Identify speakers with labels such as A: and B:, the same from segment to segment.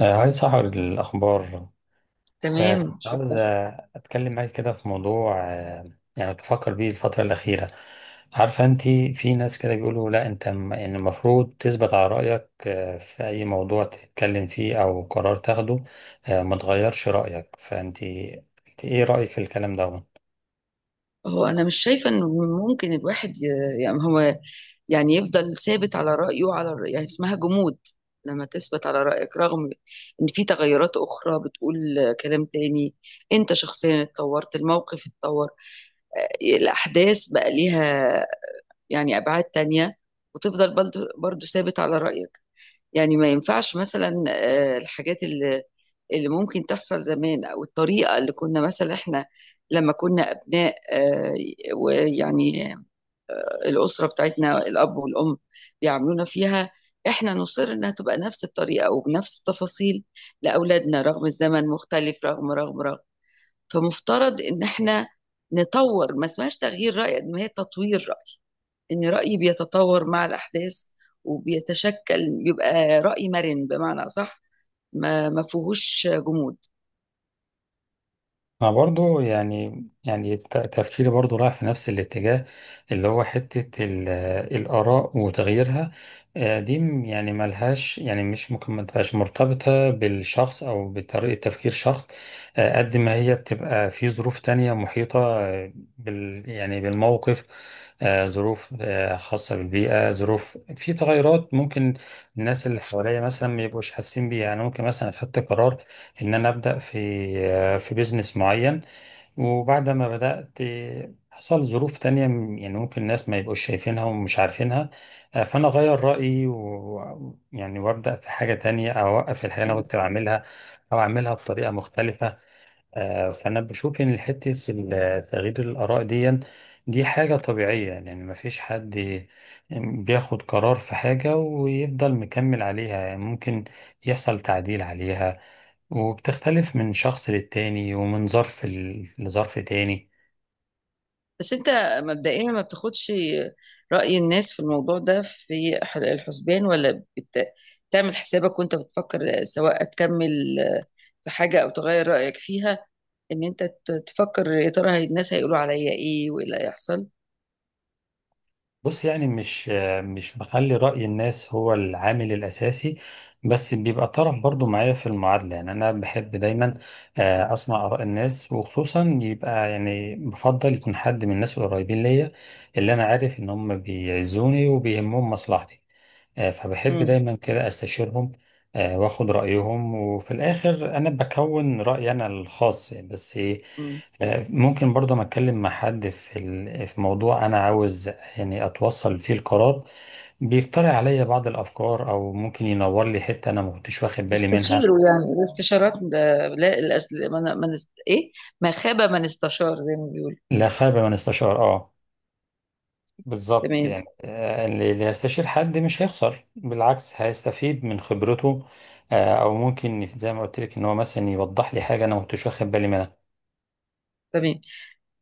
A: عايز أعرض الأخبار.
B: تمام،
A: كنت عاوز
B: شكرا.
A: أتكلم معاك كده في موضوع، يعني بفكر بيه الفترة الأخيرة. عارفة أنت، في ناس كده بيقولوا لا أنت إن المفروض تثبت على رأيك في أي موضوع تتكلم فيه أو قرار تاخده، ما تغيرش رأيك. فأنت أنت إيه رأيك في الكلام ده؟
B: هو انا مش شايفه انه ممكن الواحد يعني هو يعني يفضل ثابت على رايه يعني اسمها جمود. لما تثبت على رايك رغم ان في تغيرات اخرى بتقول كلام تاني، انت شخصيا اتطورت، الموقف اتطور، الاحداث بقى ليها يعني ابعاد تانية، وتفضل برضه ثابت على رايك. يعني ما ينفعش مثلا الحاجات اللي ممكن تحصل زمان او الطريقه اللي كنا مثلا احنا لما كنا ابناء ويعني الاسره بتاعتنا، الاب والام بيعاملونا فيها، احنا نصر انها تبقى نفس الطريقه وبنفس التفاصيل لاولادنا رغم الزمن مختلف، رغم رغم. فمفترض ان احنا نطور، ما اسمهاش تغيير راي قد ما هي تطوير راي. إن رأيي بيتطور مع الأحداث وبيتشكل، بيبقى رأي مرن بمعنى أصح، ما فيهوش جمود.
A: انا برضو يعني تفكيري برضو رايح في نفس الاتجاه، اللي هو حتة الآراء وتغييرها. دي يعني ملهاش، يعني مش ممكن ما تبقاش مرتبطة بالشخص أو بطريقة تفكير شخص. قد ما هي بتبقى في ظروف تانية محيطة بالموقف. ظروف خاصة بالبيئة، ظروف، في تغيرات ممكن الناس اللي حواليا مثلا ما يبقوش حاسين بيها. يعني ممكن مثلا أخدت قرار ان انا ابدا في بيزنس معين. وبعد ما بدات حصل ظروف تانية يعني ممكن الناس ما يبقوش شايفينها ومش عارفينها. فانا اغير رايي و يعني وابدا في حاجه تانية او اوقف الحاجه اللي انا كنت بعملها او اعملها بطريقه مختلفه. فانا بشوف ان حته تغيير الاراء دي، دي حاجه طبيعيه. يعني ما فيش حد بياخد قرار في حاجه ويفضل مكمل عليها، يعني ممكن يحصل تعديل عليها، وبتختلف من شخص للتاني ومن ظرف لظرف تاني.
B: بس أنت مبدئيا ما بتاخدش رأي الناس في الموضوع ده في الحسبان، ولا تعمل حسابك وأنت بتفكر سواء هتكمل في حاجة أو تغير رأيك فيها؟ إن أنت تفكر يا ترى الناس هيقولوا عليا إيه وإيه اللي هيحصل.
A: بص، يعني مش بخلي رأي الناس هو العامل الأساسي، بس بيبقى طرف برضو معايا في المعادلة. يعني أنا بحب دايما أسمع آراء الناس، وخصوصا يبقى يعني بفضل يكون حد من الناس القريبين ليا، اللي أنا عارف إن هم بيعزوني وبيهمهم مصلحتي. فبحب
B: مم.
A: دايما كده استشيرهم، واخد رأيهم، وفي الآخر أنا بكون رأيي أنا الخاص بس.
B: مم.
A: ممكن برضه ما أتكلم مع حد في في موضوع أنا عاوز يعني أتوصل فيه القرار، بيقترح عليا بعض الأفكار أو ممكن ينور لي حتة أنا ما كنتش واخد بالي منها.
B: استشيروا، يعني الاستشارات ده لا الأس... من... من است... ايه، ما خاب من استشار زي ما بيقول.
A: لا خير من استشار، آه، بالظبط.
B: تمام.
A: يعني اللي هيستشير حد مش هيخسر، بالعكس هيستفيد من خبرته. او ممكن زي ما قلت لك ان هو مثلا يوضح لي حاجه انا ما كنتش واخد بالي منها.
B: تمام.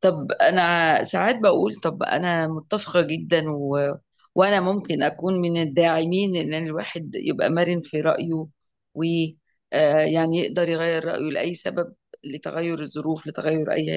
B: طب انا ساعات بقول، طب انا متفقة جدا وانا ممكن اكون من الداعمين ان الواحد يبقى مرن في رأيه و يعني يقدر يغير رأيه لأي سبب، لتغير الظروف، لتغير اي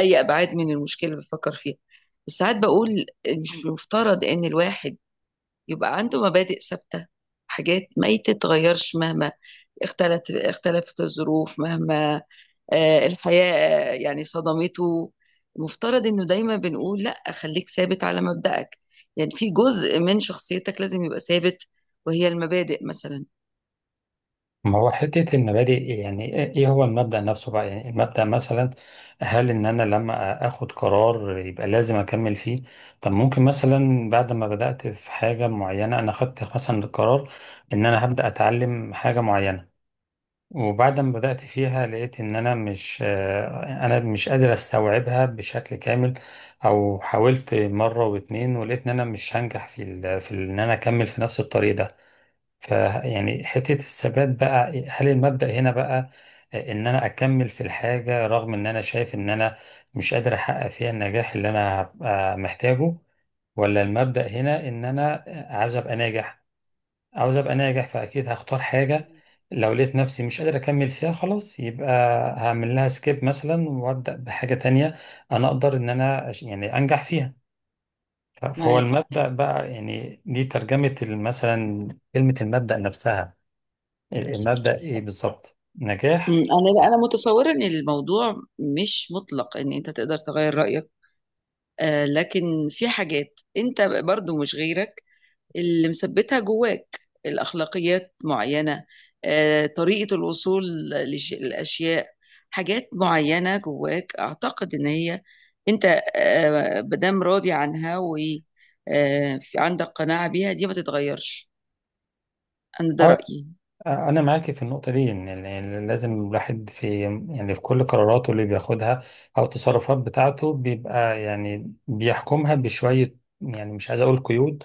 B: اي ابعاد من المشكلة اللي بفكر فيها. بس ساعات بقول مش مفترض ان الواحد يبقى عنده مبادئ ثابتة، حاجات ما تتغيرش مهما اختلفت الظروف، مهما الحياة يعني صدمته. مفترض انه دايما بنقول لا، خليك ثابت على مبدأك، يعني في جزء من شخصيتك لازم يبقى ثابت، وهي المبادئ مثلا.
A: ما هو حته المبادئ، يعني ايه هو المبدا نفسه بقى؟ يعني المبدا مثلا هل ان انا لما اخد قرار يبقى لازم اكمل فيه؟ طب ممكن مثلا بعد ما بدات في حاجه معينه، انا خدت مثلا القرار ان انا هبدا اتعلم حاجه معينه، وبعد ما بدأت فيها لقيت إن أنا مش آه، أنا مش قادر أستوعبها بشكل كامل، أو حاولت مرة واتنين ولقيت إن أنا مش هنجح في في إن أنا أكمل في نفس الطريق ده. ف يعني حتة الثبات بقى، هل المبدأ هنا بقى إن أنا أكمل في الحاجة رغم إن أنا شايف إن أنا مش قادر أحقق فيها النجاح اللي أنا هبقى محتاجه؟ ولا المبدأ هنا إن أنا عايز أبقى ناجح؟ عاوز ابقى ناجح، فاكيد هختار حاجه، لو لقيت نفسي مش قادر اكمل فيها خلاص يبقى هعمل لها سكيب مثلا وابدا بحاجه تانية انا اقدر ان انا يعني انجح فيها. فهو
B: معاك.
A: المبدا بقى، يعني دي ترجمه مثلا كلمه المبدا نفسها، المبدا ايه بالظبط؟
B: أمم،
A: نجاح.
B: انا لا، انا متصوره ان الموضوع مش مطلق ان انت تقدر تغير رايك، آه، لكن في حاجات انت برضو مش غيرك اللي مثبتها جواك، الأخلاقيات معينة، طريقة الوصول للأشياء، حاجات معينة جواك أعتقد إن هي أنت مادام راضي عنها وعندك قناعة بيها دي ما تتغيرش. أنا ده
A: اه،
B: رأيي.
A: انا معاكي في النقطه دي، ان يعني لازم الواحد في، يعني في كل قراراته اللي بياخدها او التصرفات بتاعته، بيبقى يعني بيحكمها بشويه، يعني مش عايز اقول قيود،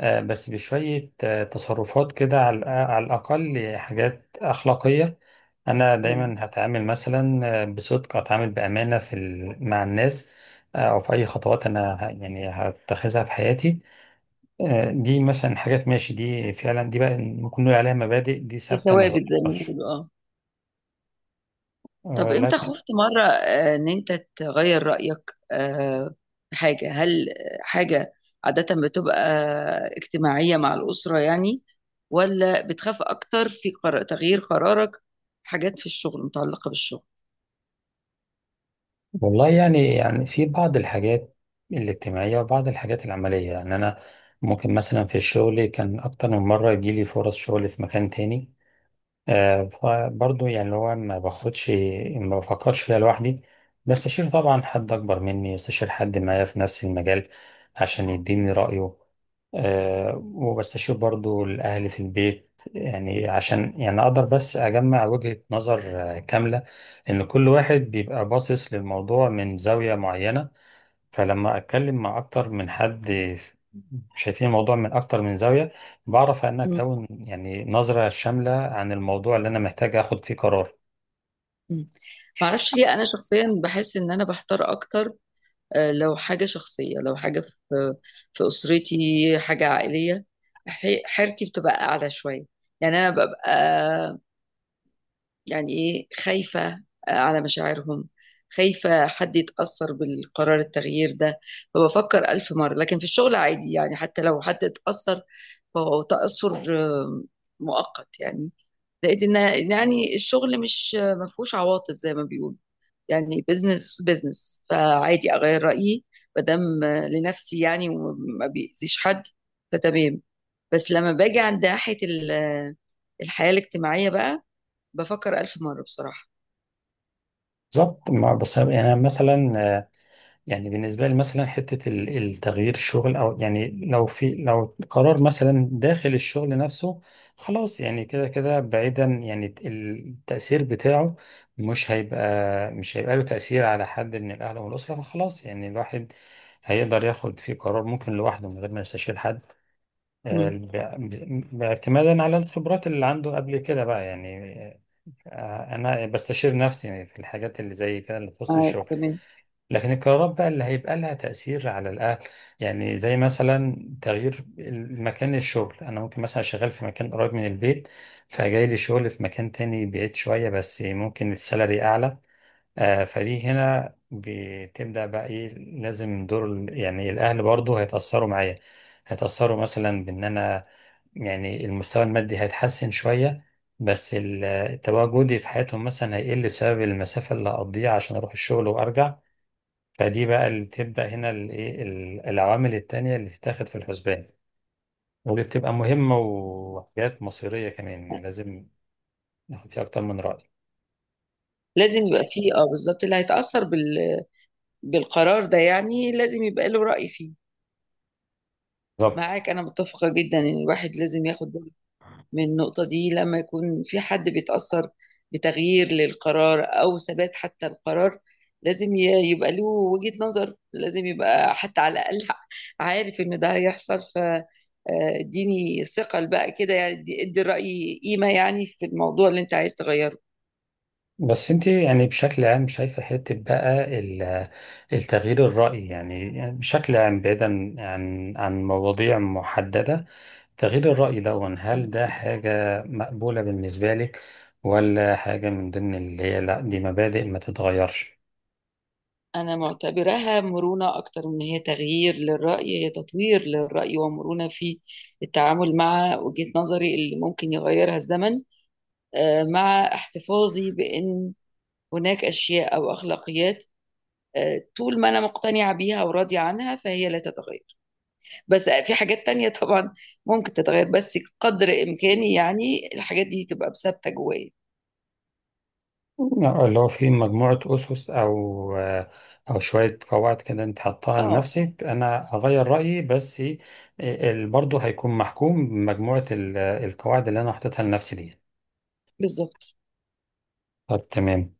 A: بس بشوية تصرفات كده على على الأقل حاجات أخلاقية. أنا
B: مم.
A: دايما هتعامل مثلا بصدق، هتعامل بأمانة في مع الناس، أو في أي خطوات أنا يعني هتخذها في حياتي. دي مثلا حاجات، ماشي، دي فعلا دي بقى ممكن نقول عليها مبادئ دي
B: دي
A: ثابتة ما
B: ثوابت زي ما
A: تتغيرش.
B: بيقولوا، آه. طب امتى
A: لكن
B: خفت مرة ان انت تغير رأيك، في حاجة؟ هل حاجة عادة بتبقى اجتماعية مع الأسرة يعني، ولا بتخاف أكتر في قرار تغيير قرارك في حاجات في الشغل، متعلقة بالشغل؟
A: والله يعني، في بعض الحاجات الاجتماعية وبعض الحاجات العملية، يعني أنا ممكن مثلا في الشغل كان أكتر من مرة يجيلي فرص شغل في مكان تاني. فبرضه يعني اللي هو ما باخدش، ما بفكرش فيها لوحدي، بستشير طبعا حد أكبر مني، بستشير حد معايا في نفس المجال عشان
B: مم.
A: يديني رأيه. وبستشير برضه الأهل في البيت يعني عشان يعني أقدر بس أجمع وجهة نظر كاملة، لأن كل واحد بيبقى باصص للموضوع من زاوية معينة. فلما أتكلم مع أكتر من حد شايفين الموضوع من أكتر من زاوية، بعرف أن
B: مم.
A: أكون يعني نظرة شاملة عن الموضوع اللي أنا محتاج أخد فيه قرار.
B: مم. معرفش ليه، أنا شخصيا بحس إن أنا بحتار أكتر لو حاجة شخصية، لو حاجة في في أسرتي، حاجة عائلية، حيرتي بتبقى أعلى شوية. يعني أنا ببقى يعني إيه، خايفة على مشاعرهم، خايفة حد يتأثر بالقرار التغيير ده، فبفكر ألف مرة. لكن في الشغل عادي، يعني حتى لو حد اتأثر فهو تأثر آه، مؤقت يعني، زائد إن يعني الشغل مش ما فيهوش عواطف زي ما بيقولوا، يعني بزنس بزنس، فعادي أغير رأيي ما دام لنفسي يعني وما بيأذيش حد، فتمام. بس لما باجي عند ناحية الحياة الاجتماعية بقى، بفكر ألف مرة بصراحة.
A: بالظبط. بس يعني أنا مثلا يعني بالنسبة لي مثلا حتة التغيير الشغل، أو يعني لو قرار مثلا داخل الشغل نفسه، خلاص يعني كده كده بعيدا يعني التأثير بتاعه مش هيبقى له تأثير على حد من الأهل والأسرة، فخلاص يعني الواحد هيقدر ياخد فيه قرار ممكن لوحده من غير ما يستشير حد،
B: إمم.
A: باعتمادا على الخبرات اللي عنده قبل كده بقى يعني. انا بستشير نفسي في الحاجات اللي زي كده اللي تخص
B: معاك،
A: الشغل.
B: تمام.
A: لكن القرارات بقى اللي هيبقى لها تأثير على الاهل، يعني زي مثلا تغيير مكان الشغل، انا ممكن مثلا شغال في مكان قريب من البيت فجاي لي شغل في مكان تاني بعيد شوية بس ممكن السالري اعلى. فدي هنا بتبدأ بقى ايه، لازم دور يعني الأهل برضو هيتأثروا معايا، هيتأثروا مثلا بإن أنا يعني المستوى المادي هيتحسن شوية بس تواجدي في حياتهم مثلا هيقل بسبب المسافة اللي هقضيها عشان أروح الشغل وأرجع. فدي بقى اللي تبدأ هنا الإيه، العوامل التانية اللي تتاخد في الحسبان، ودي بتبقى مهمة وحاجات مصيرية كمان، يعني لازم ناخد فيها أكتر من رأي.
B: لازم يبقى في، آه بالضبط، اللي هيتأثّر بالقرار ده يعني لازم يبقى له رأي فيه.
A: بالظبط.
B: معاك، أنا متّفقة جدًا إن الواحد لازم ياخد باله من النقطة دي، لمّا يكون في حد بيتأثّر بتغيير للقرار أو ثبات حتى القرار، لازم يبقى له وجهة نظر، لازم يبقى حتى على الأقل عارف إن ده هيحصل، ف ادّيني ثِقل بقى كده، يعني ادّي الرأي قيمة يعني في الموضوع اللي أنت عايز تغيّره.
A: بس انت يعني بشكل عام شايفة حتة بقى التغيير الرأي، يعني بشكل عام بعيدا عن مواضيع محددة، تغيير الرأي ده
B: إمم.
A: هل ده حاجة مقبولة بالنسبة لك، ولا حاجة من ضمن اللي هي لا دي مبادئ ما تتغيرش؟
B: أنا معتبراها مرونة أكتر من هي تغيير للرأي، هي تطوير للرأي ومرونة في التعامل مع وجهة نظري اللي ممكن يغيرها الزمن، مع احتفاظي بأن هناك أشياء أو أخلاقيات طول ما أنا مقتنعة بيها وراضية عنها فهي لا تتغير. بس في حاجات تانية طبعا ممكن تتغير، بس قدر إمكاني يعني الحاجات دي تبقى ثابتة جوايا.
A: لا، اللي هو في مجموعة أسس أو شوية قواعد كده أنت حطها
B: اه،
A: لنفسك، أنا أغير رأيي بس، برضه هيكون محكوم بمجموعة القواعد اللي أنا حطيتها لنفسي دي.
B: بالظبط.
A: طب تمام.